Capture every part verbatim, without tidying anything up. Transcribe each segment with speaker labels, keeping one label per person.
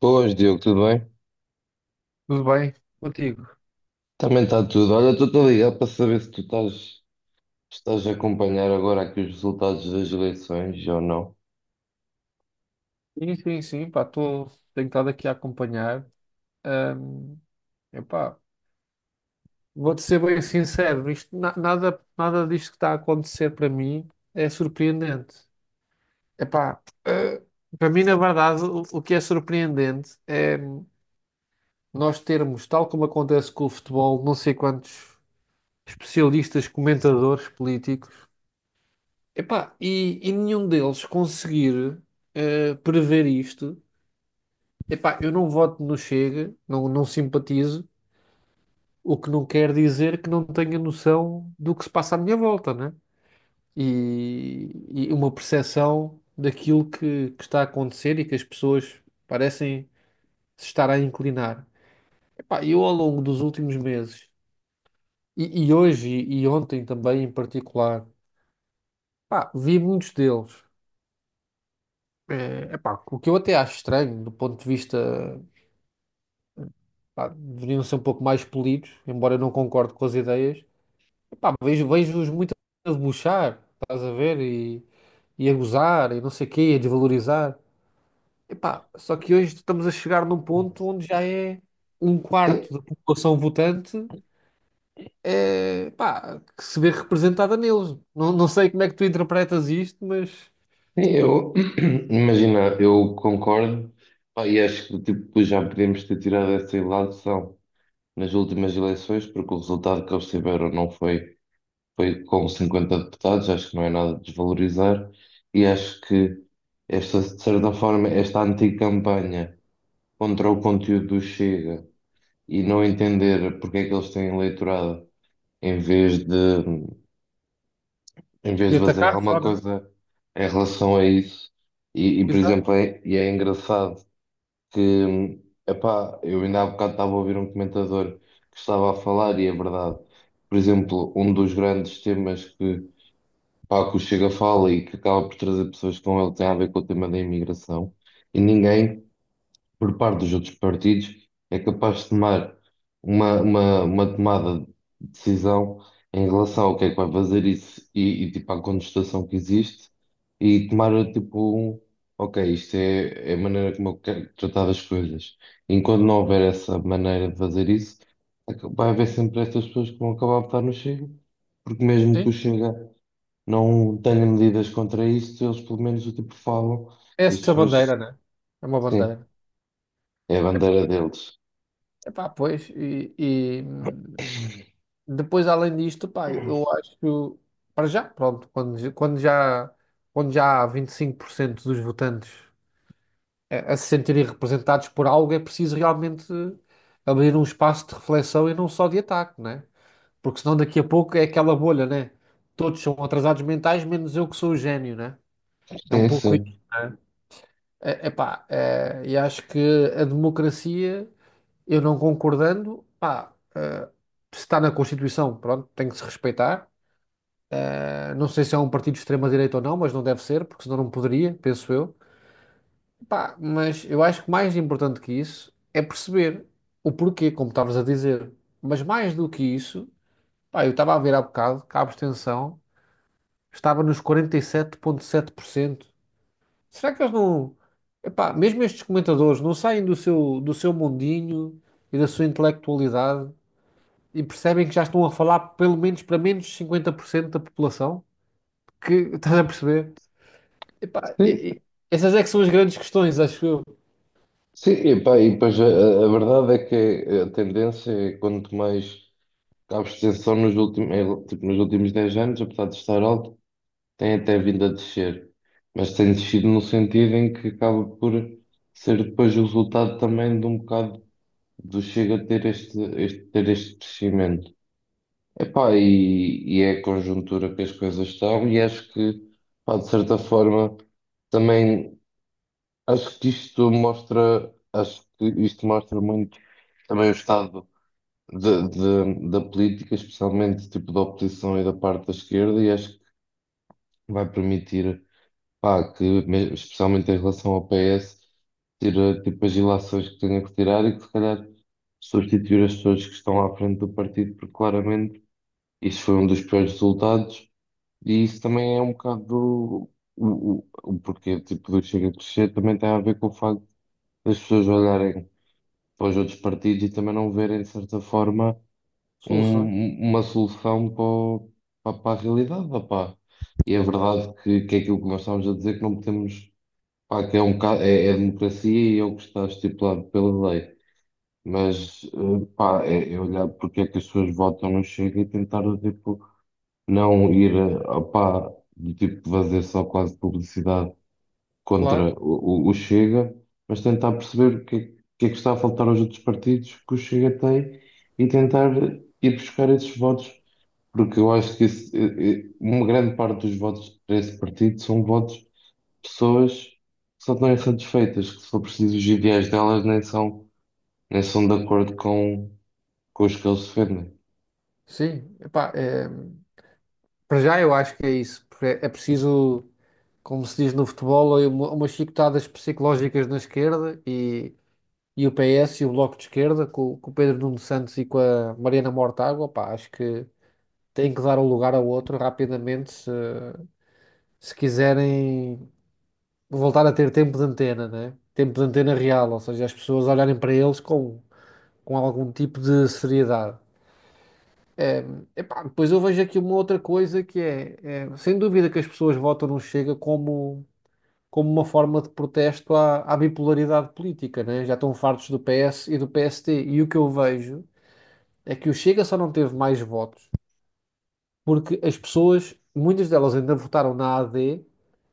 Speaker 1: Boas, Diogo, tudo bem?
Speaker 2: Tudo bem contigo?
Speaker 1: Também está tudo. Olha, estou-te a ligar para saber se tu estás, estás a acompanhar agora aqui os resultados das eleições ou não.
Speaker 2: Sim, sim, sim, pá, estou tentado aqui a acompanhar. Ahm, epá, vou-te ser bem sincero, isto, na- nada, nada disto que está a acontecer para mim é surpreendente. Epá, eh, para mim, na verdade, o, o que é surpreendente é nós termos, tal como acontece com o futebol, não sei quantos especialistas, comentadores políticos, epá, e, e nenhum deles conseguir eh, prever isto. Epá, eu não voto no Chega, não, não simpatizo, o que não quer dizer que não tenha noção do que se passa à minha volta, né? E, e uma percepção daquilo que, que está a acontecer e que as pessoas parecem se estar a inclinar. Epá, eu ao longo dos últimos meses, e, e hoje e, ontem também em particular, pá, vi muitos deles. Eh, epá, o que eu até acho estranho do ponto de vista, pá, deveriam ser um pouco mais polidos, embora eu não concorde com as ideias. Pá, vejo, vejo-os muito a debochar, estás a ver? E, e a gozar, e não sei o quê, a desvalorizar. Epá, só que hoje estamos a chegar num ponto onde já é um
Speaker 1: Sim,
Speaker 2: quarto da população votante é, pá, que se vê representada neles. Não, não sei como é que tu interpretas isto, mas.
Speaker 1: sim, eu, imagina, eu concordo. Pá, e acho que tipo, já podemos ter tirado essa ilação nas últimas eleições, porque o resultado que eles tiveram não foi, foi com cinquenta deputados, acho que não é nada de desvalorizar, e acho que esta, de certa forma, esta anticampanha contra o conteúdo do Chega, e não entender porque é que eles têm eleitorado em vez de em vez
Speaker 2: E
Speaker 1: de fazer
Speaker 2: atacar
Speaker 1: alguma
Speaker 2: só, não.
Speaker 1: coisa em relação a isso. E, e, por
Speaker 2: Exato,
Speaker 1: exemplo, é, e é engraçado que, epá, eu ainda há bocado estava a ouvir um comentador que estava a falar e é verdade. Por exemplo, um dos grandes temas que, pá, que o Chega fala e que acaba por trazer pessoas com ele tem a ver com o tema da imigração. E ninguém, por parte dos outros partidos, é capaz de tomar uma, uma, uma tomada de decisão em relação ao que é que vai fazer isso e, e, tipo à contestação que existe, e tomar tipo um, ok, isto é, é a maneira como eu quero tratar as coisas. Enquanto não houver essa maneira de fazer isso, aca- vai haver sempre estas pessoas que vão acabar a votar no Chega, porque mesmo que
Speaker 2: sim.
Speaker 1: o Chega não tenha medidas contra isto, eles pelo menos o tipo falam,
Speaker 2: É,
Speaker 1: e as
Speaker 2: essa
Speaker 1: pessoas,
Speaker 2: bandeira, né? É uma
Speaker 1: sim,
Speaker 2: bandeira.
Speaker 1: é a bandeira deles.
Speaker 2: Epá, pois, e, e, depois, além disto, pá, eu acho, para já, pronto, quando, j- quando já, quando já há vinte e cinco por cento dos votantes a, a se sentirem representados por algo, é preciso realmente abrir um espaço de reflexão e não só de ataque, né? Porque senão daqui a pouco é aquela bolha, né? Todos são atrasados mentais, menos eu que sou o gênio, né? É um
Speaker 1: Sim,
Speaker 2: pouco isso,
Speaker 1: sim.
Speaker 2: né? É, epá, é, e acho que a democracia, eu não concordando, pá, eh, se está na Constituição, pronto, tem que se respeitar. Não sei se é um partido de extrema-direita ou não, mas não deve ser, porque senão não poderia, penso eu. Pá, mas eu acho que mais importante que isso é perceber o porquê, como estavas a dizer. Mas mais do que isso, pá, eu estava a ver há bocado que a abstenção estava nos quarenta e sete vírgula sete por cento. Será que eles não. Epá, mesmo estes comentadores não saem do seu, do seu mundinho e da sua intelectualidade e percebem que já estão a falar pelo menos para menos de cinquenta por cento da população? Que, estás a perceber? Epá, e-
Speaker 1: Sim,
Speaker 2: e- essas é que são as grandes questões, acho eu.
Speaker 1: sim, e, pá, e depois eh, a, a verdade é que a tendência é quanto mais a abstenção nos últimos, é, tipo, nos últimos dez anos, apesar de estar alto, tem até vindo a descer. Mas tem descido no sentido em que acaba por ser depois o resultado também de um bocado do Chega a ter este, este, ter este crescimento. Epá, e, e é a conjuntura que as coisas estão, e acho que, pá, de certa forma, também. Acho que isto mostra, acho que isto mostra muito também o estado de- de- da política, especialmente tipo da oposição e da parte da esquerda, e acho que vai permitir, pá, que me- especialmente em relação ao P S, tira tipo as ilações que tenha que tirar e que se calhar substituir as pessoas que estão à frente do partido, porque claramente isso foi um dos piores resultados, e isso também é um bocado do, o, o, o porquê tipo do Chega a crescer, também tem a ver com o facto das pessoas olharem para os outros partidos e também não verem, de certa forma, um-
Speaker 2: Soluções,
Speaker 1: um, uma solução para, o- pa- para a realidade, opá. E é verdade que, que é aquilo que nós estávamos a dizer, que não podemos, pá, que é, um, bocado- é, é a democracia e é o que está estipulado pela lei. Mas, eh, pá, é, é olhar porque é que as pessoas votam no Chega e tentar, tipo, não ir, eh, opá, do tipo, fazer só quase publicidade
Speaker 2: claro.
Speaker 1: contra o, o- o Chega, mas tentar perceber o que, é que é que está a faltar aos outros partidos que o Chega tem, e tentar ir buscar esses votos, porque eu acho que esse- eh, eh, uma grande parte dos votos para esse partido são votos de pessoas que só estão insatisfeitas, que se for preciso os ideais delas nem são, nem são de acordo com, com os que eles defendem.
Speaker 2: Sim, epá, é, para já eu acho que é isso. Porque É é preciso, como se diz no futebol, uma- umas chicotadas psicológicas na esquerda e, e o P S e o Bloco de Esquerda, com, com o Pedro Nuno Santos e com a Mariana Mortágua, pá, acho que têm que dar um lugar ao outro rapidamente se, se quiserem voltar a ter tempo de antena, né? Tempo de antena real, ou seja, as pessoas olharem para eles como com algum tipo de seriedade. Eh, epá, depois eu vejo aqui uma outra coisa que é, eh, sem dúvida que as pessoas votam no Chega como, como uma forma de protesto à, à bipolaridade política, né? Já estão fartos do P S e do P S T. E o que eu vejo é que o Chega só não teve mais votos porque as pessoas, muitas delas ainda votaram na A D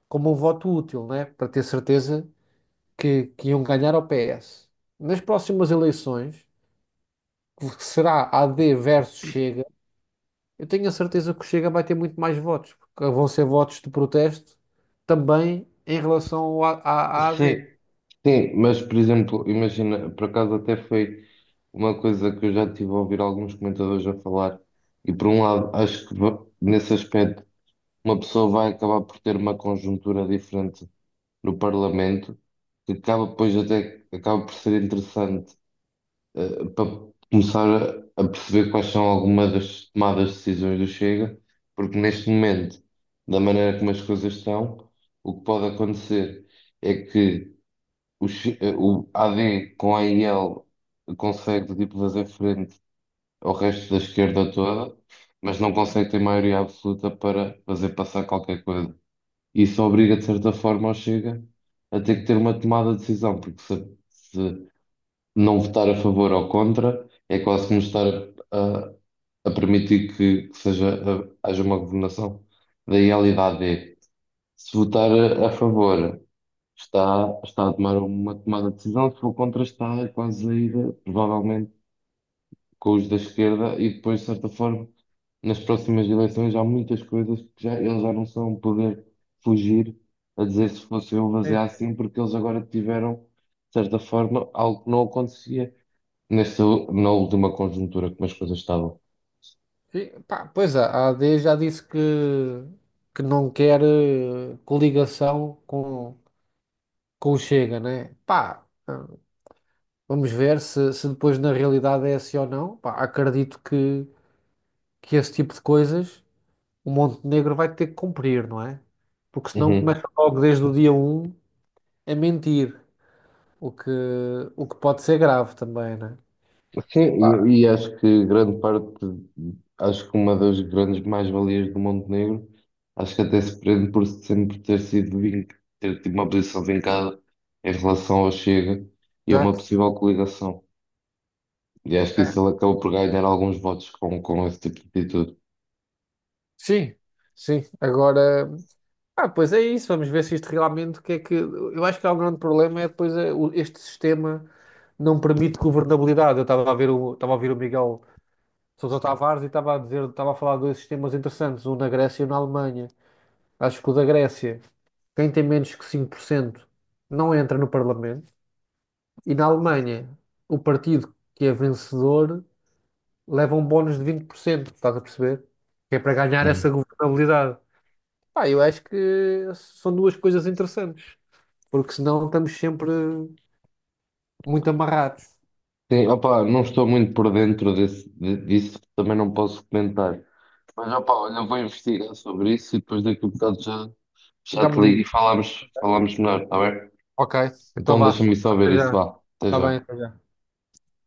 Speaker 2: como um voto útil, né? Para ter certeza que, que iam ganhar ao P S. Nas próximas eleições, que será A D versus Chega. Eu tenho a certeza que o Chega vai ter muito mais votos, porque vão ser votos de protesto também em relação ao A- à à A D.
Speaker 1: Sim. Sim, mas por exemplo, imagina, por acaso até foi uma coisa que eu já tive a ouvir alguns comentadores a falar, e por um lado, acho que va- nesse aspecto uma pessoa vai acabar por ter uma conjuntura diferente no Parlamento, que acaba depois até acaba por ser interessante, eh, para começar a, a perceber quais são algumas das tomadas de decisões do Chega, porque neste momento, da maneira como as coisas estão, o que pode acontecer é que o, X- eh, o A D com a I L consegue tipo fazer frente ao resto da esquerda toda, mas não consegue ter maioria absoluta para fazer passar qualquer coisa. Isso obriga, de certa forma, ao Chega a ter que ter uma tomada de decisão, porque se, se não votar a favor ou contra, é quase como estar a, a- a permitir que, que seja, a- haja uma governação da I L e da A D. Se votar a a favor está, está a tomar uma tomada de decisão, se for contra, está quase a ir, provavelmente, com os da esquerda, e depois, de certa forma, nas próximas eleições há muitas coisas que já, eles já não são um poder fugir a dizer se fosse eu fazer
Speaker 2: É.
Speaker 1: assim, porque eles agora tiveram, de certa forma, algo que não acontecia nesta, u- na última conjuntura como as coisas estavam.
Speaker 2: Sim, pá, pois é, a a AD já disse que, que não quer eh, coligação com, com o Chega, né? Pá, vamos ver se, se depois na realidade é assim ou não. Pá, acredito que, que esse tipo de coisas o Montenegro vai ter que cumprir, não é? Porque senão
Speaker 1: Uhum.
Speaker 2: começa logo desde o dia um a mentir. O que, o que pode ser grave também, né?
Speaker 1: Sim,
Speaker 2: Epá,
Speaker 1: e, e acho que grande parte, acho que uma das grandes mais-valias do Montenegro, acho que até se prende por sempre ter sido vin- ter tido uma posição vincada em relação ao Chega e a uma
Speaker 2: exato.
Speaker 1: possível coligação. E acho que
Speaker 2: É.
Speaker 1: isso ele acaba por ganhar alguns votos com, com esse tipo de atitude.
Speaker 2: Sim, sim. Agora, ah, pois é isso. Vamos ver se isto realmente o que é que. Eu acho que há um grande problema é depois é, o- este sistema não permite governabilidade. Eu estava a ver o, estava a ouvir o Miguel Sousa Tavares e estava a dizer, estava a falar de dois sistemas interessantes, um na Grécia e um na Alemanha. Acho que o da Grécia, quem tem menos que cinco por cento não entra no Parlamento, e na Alemanha, o partido que é vencedor leva um bónus de vinte por cento, estás a perceber? Que é para ganhar essa
Speaker 1: Uhum.
Speaker 2: governabilidade. Pá, eu acho que são duas coisas interessantes, porque senão estamos sempre muito amarrados.
Speaker 1: Sim, opá, não estou muito por dentro desse, de- disso, também não posso comentar. Mas opá, olha, eu vou investigar sobre isso e depois daqui a bocado já, já
Speaker 2: Já me
Speaker 1: te ligo e
Speaker 2: digo.
Speaker 1: falamos, falamos melhor, está bem?
Speaker 2: Ok, então
Speaker 1: Então
Speaker 2: vá.
Speaker 1: deixa-me só ver
Speaker 2: Até
Speaker 1: isso,
Speaker 2: já.
Speaker 1: vá. Até
Speaker 2: Está bem.
Speaker 1: já.
Speaker 2: Até já.